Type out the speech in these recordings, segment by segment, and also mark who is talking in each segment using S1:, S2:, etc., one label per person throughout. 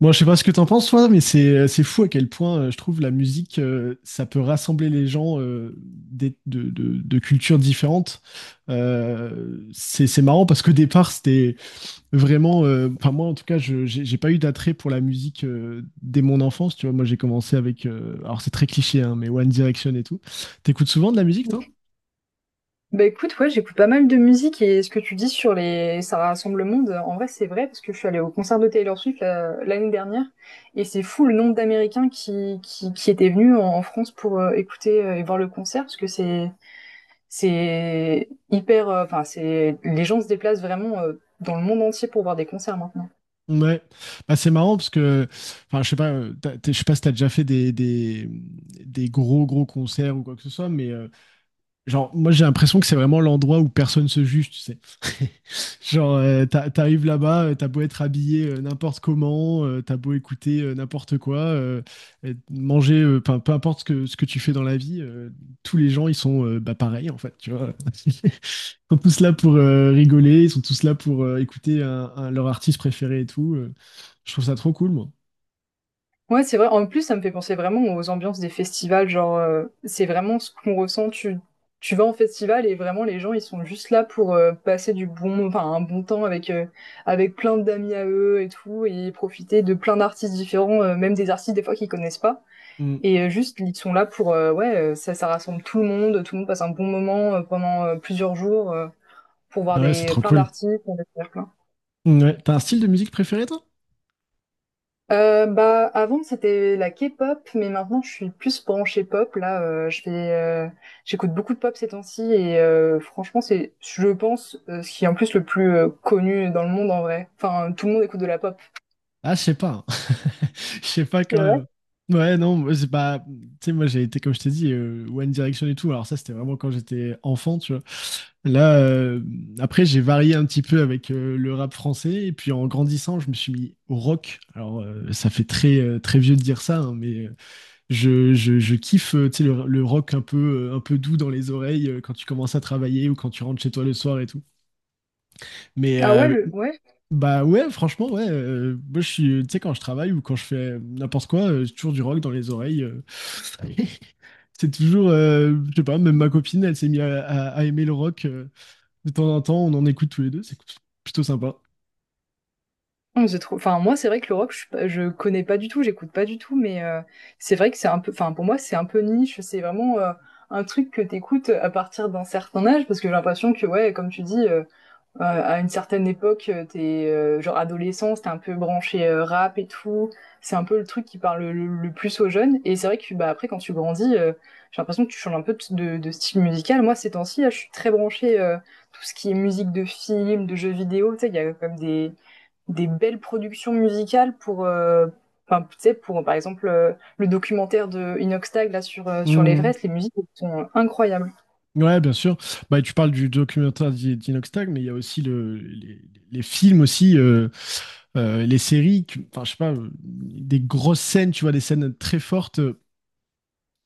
S1: Moi, je sais pas ce que t'en penses, toi, mais c'est fou à quel point je trouve la musique, ça peut rassembler les gens de cultures différentes. C'est marrant parce qu'au départ, c'était vraiment, enfin moi en tout cas, je j'ai pas eu d'attrait pour la musique dès mon enfance. Tu vois, moi j'ai commencé avec, alors c'est très cliché, hein, mais One Direction et tout. T'écoutes souvent de la musique, toi?
S2: Bah écoute, ouais, j'écoute pas mal de musique. Et ce que tu dis sur les ça rassemble le monde, en vrai c'est vrai parce que je suis allée au concert de Taylor Swift l'année dernière, et c'est fou le nombre d'Américains qui étaient venus en France pour écouter et voir le concert, parce que c'est hyper enfin c'est les gens se déplacent vraiment dans le monde entier pour voir des concerts maintenant.
S1: Ouais, bah, c'est marrant parce que, enfin, je sais pas, je sais pas si t'as déjà fait des gros gros concerts ou quoi que ce soit, mais genre, moi j'ai l'impression que c'est vraiment l'endroit où personne se juge, tu sais. Genre, t'arrives là-bas, t'as beau être habillé n'importe comment, t'as beau écouter n'importe quoi, et manger, enfin, peu importe ce que tu fais dans la vie, tous les gens ils sont bah, pareils en fait, tu vois. Sont tous là pour rigoler, ils sont tous là pour écouter leur artiste préféré et tout. Je trouve ça trop cool, moi.
S2: Ouais, c'est vrai. En plus, ça me fait penser vraiment aux ambiances des festivals. C'est vraiment ce qu'on ressent. Tu vas en festival et vraiment, les gens, ils sont juste là pour passer du un bon temps avec plein d'amis à eux et tout, et profiter de plein d'artistes différents, même des artistes des fois qu'ils connaissent pas.
S1: Mm.
S2: Et ils sont là pour, ça rassemble tout le monde. Tout le monde passe un bon moment pendant plusieurs jours pour voir
S1: Ouais, c'est
S2: des,
S1: trop
S2: plein
S1: cool.
S2: d'artistes, pour découvrir plein.
S1: Mm, ouais. T'as un style de musique préféré, toi?
S2: Bah avant c'était la K-pop, mais maintenant je suis plus branchée pop là. Je fais J'écoute beaucoup de pop ces temps-ci, et franchement c'est je pense ce qui est en plus le plus connu dans le monde en vrai, enfin tout le monde écoute de la pop.
S1: Ah, je sais pas. Je sais pas
S2: C'est
S1: quand
S2: vrai?
S1: même. Ouais, non, moi, c'est pas. Tu sais, moi, j'ai été, comme je t'ai dit, One Direction et tout. Alors, ça, c'était vraiment quand j'étais enfant, tu vois. Là, après, j'ai varié un petit peu avec le rap français. Et puis, en grandissant, je me suis mis au rock. Alors, ça fait très, très vieux de dire ça, hein, mais je kiffe, tu sais, le rock un peu doux dans les oreilles quand tu commences à travailler ou quand tu rentres chez toi le soir et tout. Mais
S2: ah ouais le ouais
S1: bah ouais, franchement, ouais. Moi, je suis, tu sais, quand je travaille ou quand je fais n'importe quoi, j'ai toujours du rock dans les oreilles. C'est toujours, je sais pas, même ma copine, elle s'est mise à aimer le rock. De temps en temps, on en écoute tous les deux. C'est plutôt sympa.
S2: Je trouve, enfin moi c'est vrai que le rock, je connais pas du tout, j'écoute pas du tout, mais c'est vrai que c'est un peu, enfin pour moi c'est un peu niche, c'est vraiment un truc que t'écoutes à partir d'un certain âge, parce que j'ai l'impression que ouais, comme tu dis. À une certaine époque, t'es genre adolescent, t'es un peu branché rap et tout. C'est un peu le truc qui parle le plus aux jeunes. Et c'est vrai que bah après quand tu grandis, j'ai l'impression que tu changes un peu de style musical. Moi ces temps-ci, là, je suis très branchée tout ce qui est musique de film, de jeux vidéo. Tu sais, il y a comme des belles productions musicales pour enfin, tu sais, pour par exemple le documentaire de Inoxtag là sur sur
S1: Hmm.
S2: l'Everest, les musiques elles sont incroyables.
S1: Ouais, bien sûr. Bah, tu parles du documentaire d'Inox Tag, mais il y a aussi les films aussi, les séries, enfin, je sais pas, des grosses scènes, tu vois, des scènes très fortes. euh,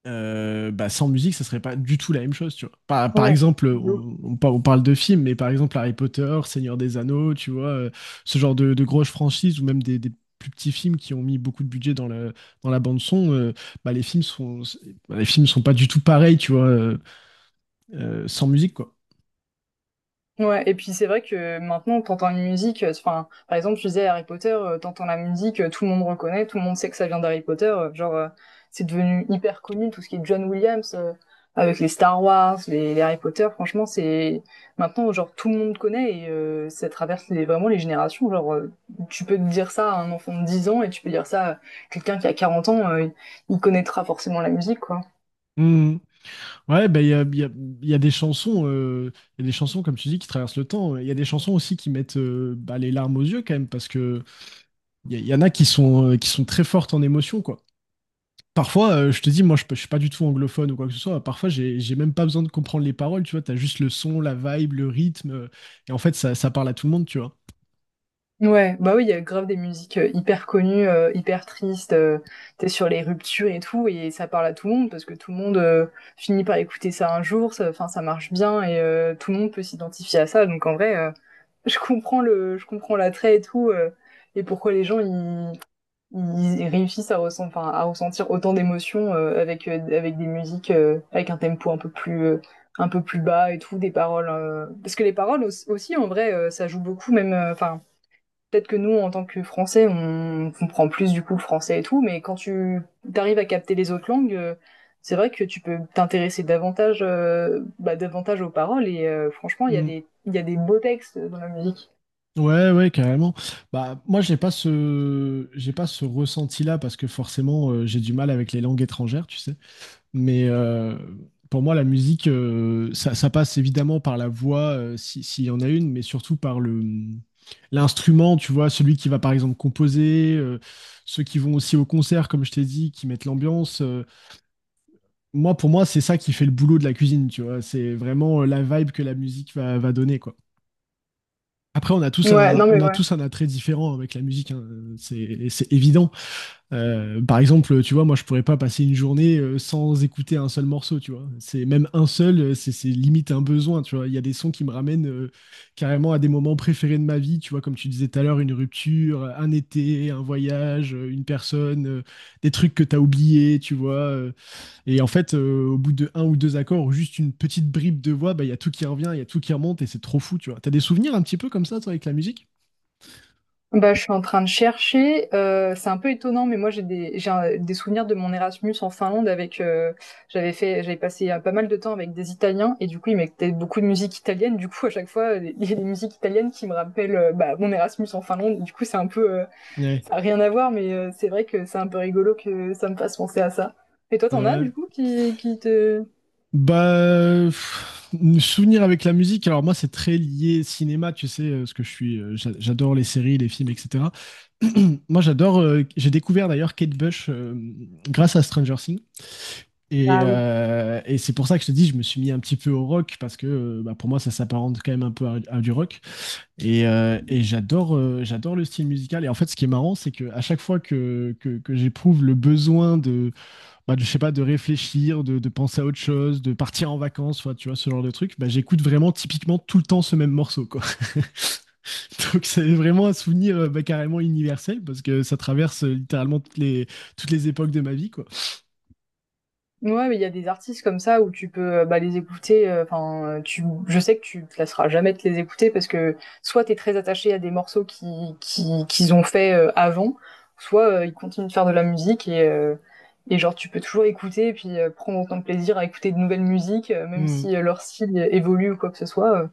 S1: euh, Bah, sans musique, ça serait pas du tout la même chose, tu vois. Par, par
S2: Ouais.
S1: exemple, on par- On parle de films, mais par exemple Harry Potter, Seigneur des Anneaux, tu vois, ce genre de grosses franchises ou même des plus petits films qui ont mis beaucoup de budget dans dans la bande son, bah, bah, les films sont pas du tout pareils, tu vois, sans musique, quoi.
S2: Ouais, et puis c'est vrai que maintenant, t'entends une musique, par exemple, tu disais Harry Potter, t'entends la musique, tout le monde reconnaît, tout le monde sait que ça vient d'Harry Potter, c'est devenu hyper connu, tout ce qui est John Williams, avec les Star Wars, les Harry Potter, franchement, c'est, maintenant, genre, tout le monde connaît. Et ça traverse les, vraiment les générations, tu peux dire ça à un enfant de 10 ans et tu peux dire ça à quelqu'un qui a 40 ans, il connaîtra forcément la musique, quoi.
S1: Hmm. Ouais, bah, il y a des chansons, il y a des chansons, comme tu dis, qui traversent le temps. Il y a des chansons aussi qui mettent bah, les larmes aux yeux, quand même, parce que il y en a qui sont très fortes en émotion, quoi. Parfois, je te dis, moi, je suis pas du tout anglophone ou quoi que ce soit. Parfois, j'ai même pas besoin de comprendre les paroles, tu vois. T'as juste le son, la vibe, le rythme. Et en fait, ça parle à tout le monde, tu vois.
S2: Ouais, bah oui, il y a grave des musiques, hyper connues, hyper tristes, tu sur les ruptures et tout, et ça parle à tout le monde parce que tout le monde, finit par écouter ça un jour, ça marche bien et tout le monde peut s'identifier à ça, donc en vrai, je comprends l'attrait et tout, et pourquoi les gens ils réussissent à ressentir autant d'émotions, avec des musiques, avec un tempo un peu plus bas et tout, des paroles, parce que les paroles aussi en vrai, ça joue beaucoup, même, peut-être que nous, en tant que Français, on comprend plus du coup le français et tout, mais quand tu arrives à capter les autres langues, c'est vrai que tu peux t'intéresser davantage, davantage aux paroles. Et franchement,
S1: Mm.
S2: il y a des beaux textes dans la musique.
S1: Ouais, ouais, carrément. Bah, moi, j'ai pas ce ressenti-là parce que forcément, j'ai du mal avec les langues étrangères, tu sais. Mais pour moi, la musique, ça passe évidemment par la voix, s'il y en a une, mais surtout par le l'instrument, tu vois, celui qui va par exemple composer, ceux qui vont aussi au concert, comme je t'ai dit, qui mettent l'ambiance. Moi, pour moi, c'est ça qui fait le boulot de la cuisine, tu vois. C'est vraiment la vibe que la musique va donner, quoi. Après,
S2: Ouais, non
S1: on
S2: mais
S1: a
S2: ouais.
S1: tous un attrait différent avec la musique, hein. C'est évident. Par exemple, tu vois, moi, je pourrais pas passer une journée sans écouter un seul morceau, tu vois. C'est même un seul, c'est limite un besoin, tu vois. Il y a des sons qui me ramènent carrément à des moments préférés de ma vie, tu vois, comme tu disais tout à l'heure, une rupture, un été, un voyage, une personne, des trucs que t'as oubliés, tu vois. Et en fait, au bout de un ou deux accords ou juste une petite bribe de voix, bah, il y a tout qui revient, il y a tout qui remonte et c'est trop fou, tu vois. T'as des souvenirs un petit peu comme ça, toi, avec la musique?
S2: Bah, je suis en train de chercher. C'est un peu étonnant, mais moi j'ai des, j'ai un- des souvenirs de mon Erasmus en Finlande avec. J'avais passé pas mal de temps avec des Italiens, et du coup ils mettaient beaucoup de musique italienne. Du coup à chaque fois il y a des musiques italiennes qui me rappellent mon Erasmus en Finlande. Du coup c'est un peu,
S1: Ouais.
S2: ça a rien à voir, mais c'est vrai que c'est un peu rigolo que ça me fasse penser à ça. Et toi t'en as du
S1: Ouais.
S2: coup qui te.
S1: Bah, pff, souvenir avec la musique. Alors moi, c'est très lié cinéma, tu sais, ce que je suis. J'adore les séries, les films, etc. Moi, j'adore. J'ai découvert d'ailleurs Kate Bush grâce à Stranger Things. Et c'est pour ça que je te dis, je me suis mis un petit peu au rock parce que bah, pour moi, ça s'apparente quand même un peu à du rock. Et, et j'adore le style musical. Et en fait, ce qui est marrant, c'est que à chaque fois que j'éprouve le besoin bah, je sais pas, de réfléchir, de penser à autre chose, de partir en vacances, soit, tu vois, ce genre de truc, bah, j'écoute vraiment typiquement tout le temps ce même morceau, quoi. Donc c'est vraiment un souvenir bah, carrément universel parce que ça traverse littéralement toutes les époques de ma vie, quoi.
S2: Ouais, mais il y a des artistes comme ça où tu peux, les écouter, tu je sais que tu te lasseras jamais de les écouter, parce que soit t'es très attaché à des morceaux qui qu'ils ont fait, avant, soit ils continuent de faire de la musique, et genre tu peux toujours écouter, et puis, prendre autant de plaisir à écouter de nouvelles musiques, même si leur style évolue ou quoi que ce soit, heu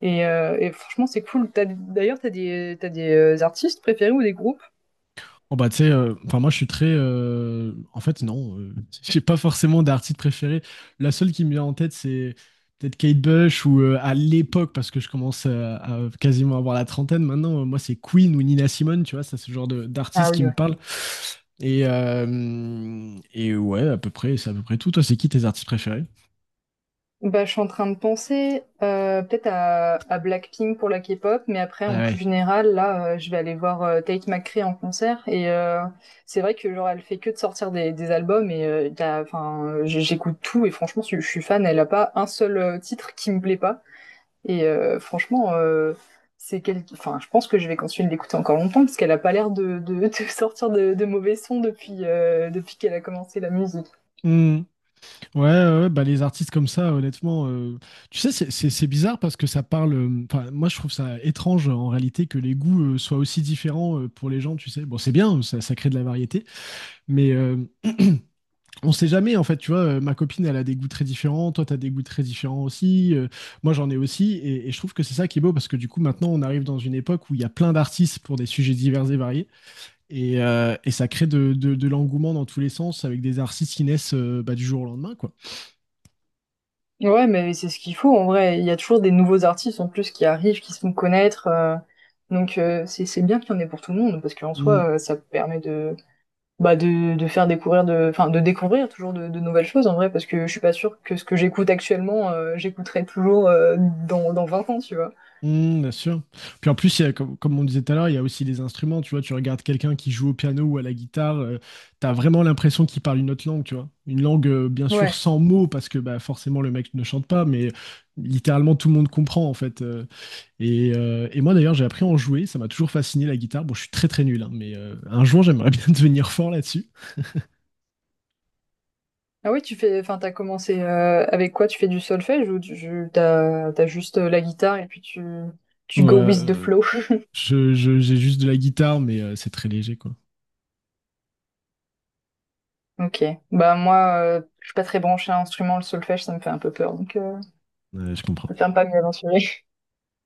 S2: et heu et franchement c'est cool. T'as d'ailleurs t'as des artistes préférés ou des groupes?
S1: Oh bah tu sais, enfin moi je suis très, en fait non, j'ai pas forcément d'artiste préféré. La seule qui me vient en tête c'est peut-être Kate Bush ou à l'époque parce que je commence à quasiment avoir la trentaine maintenant. Moi c'est Queen ou Nina Simone, tu vois, ça c'est ce
S2: Ah
S1: d'artiste qui
S2: oui,
S1: me
S2: ouais.
S1: parle. Et ouais à peu près, c'est à peu près tout. Toi c'est qui tes artistes préférés?
S2: Bah, je suis en train de penser peut-être à Blackpink pour la K-pop, mais après
S1: Ah
S2: en plus
S1: ouais.
S2: général, là, je vais aller voir Tate McRae en concert. Et c'est vrai que genre elle fait que de sortir des albums. Et y a- enfin j- j'écoute tout et franchement je suis fan. Elle a pas un seul titre qui me plaît pas. Et franchement c'est quel... enfin je pense que je vais continuer de l'écouter encore longtemps, parce qu'elle a pas l'air de sortir de mauvais sons depuis depuis qu'elle a commencé la musique.
S1: Ouais, ouais, ouais, bah les artistes comme ça, honnêtement, tu sais, c'est bizarre parce que ça parle. Enfin, moi, je trouve ça étrange en réalité que les goûts soient aussi différents pour les gens, tu sais. Bon, c'est bien, ça crée de la variété, mais on sait jamais, en fait, tu vois. Ma copine, elle a des goûts très différents, toi, t'as des goûts très différents aussi, moi, j'en ai aussi, et je trouve que c'est ça qui est beau parce que du coup, maintenant, on arrive dans une époque où il y a plein d'artistes pour des sujets divers et variés, et ça crée de l'engouement dans tous les sens avec des artistes qui naissent bah, du jour au lendemain, quoi.
S2: Ouais, mais c'est ce qu'il faut en vrai. Il y a toujours des nouveaux artistes en plus qui arrivent, qui se font connaître. Donc c'est bien qu'il y en ait pour tout le monde, parce qu'en
S1: Mmh.
S2: soi, ça permet de de faire découvrir de, enfin de découvrir toujours de nouvelles choses en vrai, parce que je suis pas sûre que ce que j'écoute actuellement, j'écouterai toujours dans 20 ans, tu vois.
S1: Mmh, bien sûr. Puis en plus, il y a, comme on disait tout à l'heure, il y a aussi les instruments. Tu vois, tu regardes quelqu'un qui joue au piano ou à la guitare, tu as vraiment l'impression qu'il parle une autre langue, tu vois. Une langue, bien sûr,
S2: Ouais.
S1: sans mots, parce que bah, forcément, le mec ne chante pas, mais littéralement, tout le monde comprend, en fait. Et, et moi, d'ailleurs, j'ai appris à en jouer. Ça m'a toujours fasciné, la guitare. Bon, je suis très, très nul, hein, mais un jour, j'aimerais bien devenir fort là-dessus.
S2: Ah oui, tu fais, enfin t'as commencé avec quoi? Tu fais du solfège, ou t'as juste la guitare et puis tu
S1: Ouais,
S2: tu go with the flow?
S1: j'ai juste de la guitare, mais c'est très léger, quoi.
S2: Ok. Bah moi, je suis pas très branchée à l'instrument, le solfège, ça me fait un peu peur, donc
S1: Ouais, je
S2: je
S1: comprends.
S2: préfère pas m'y aventurer.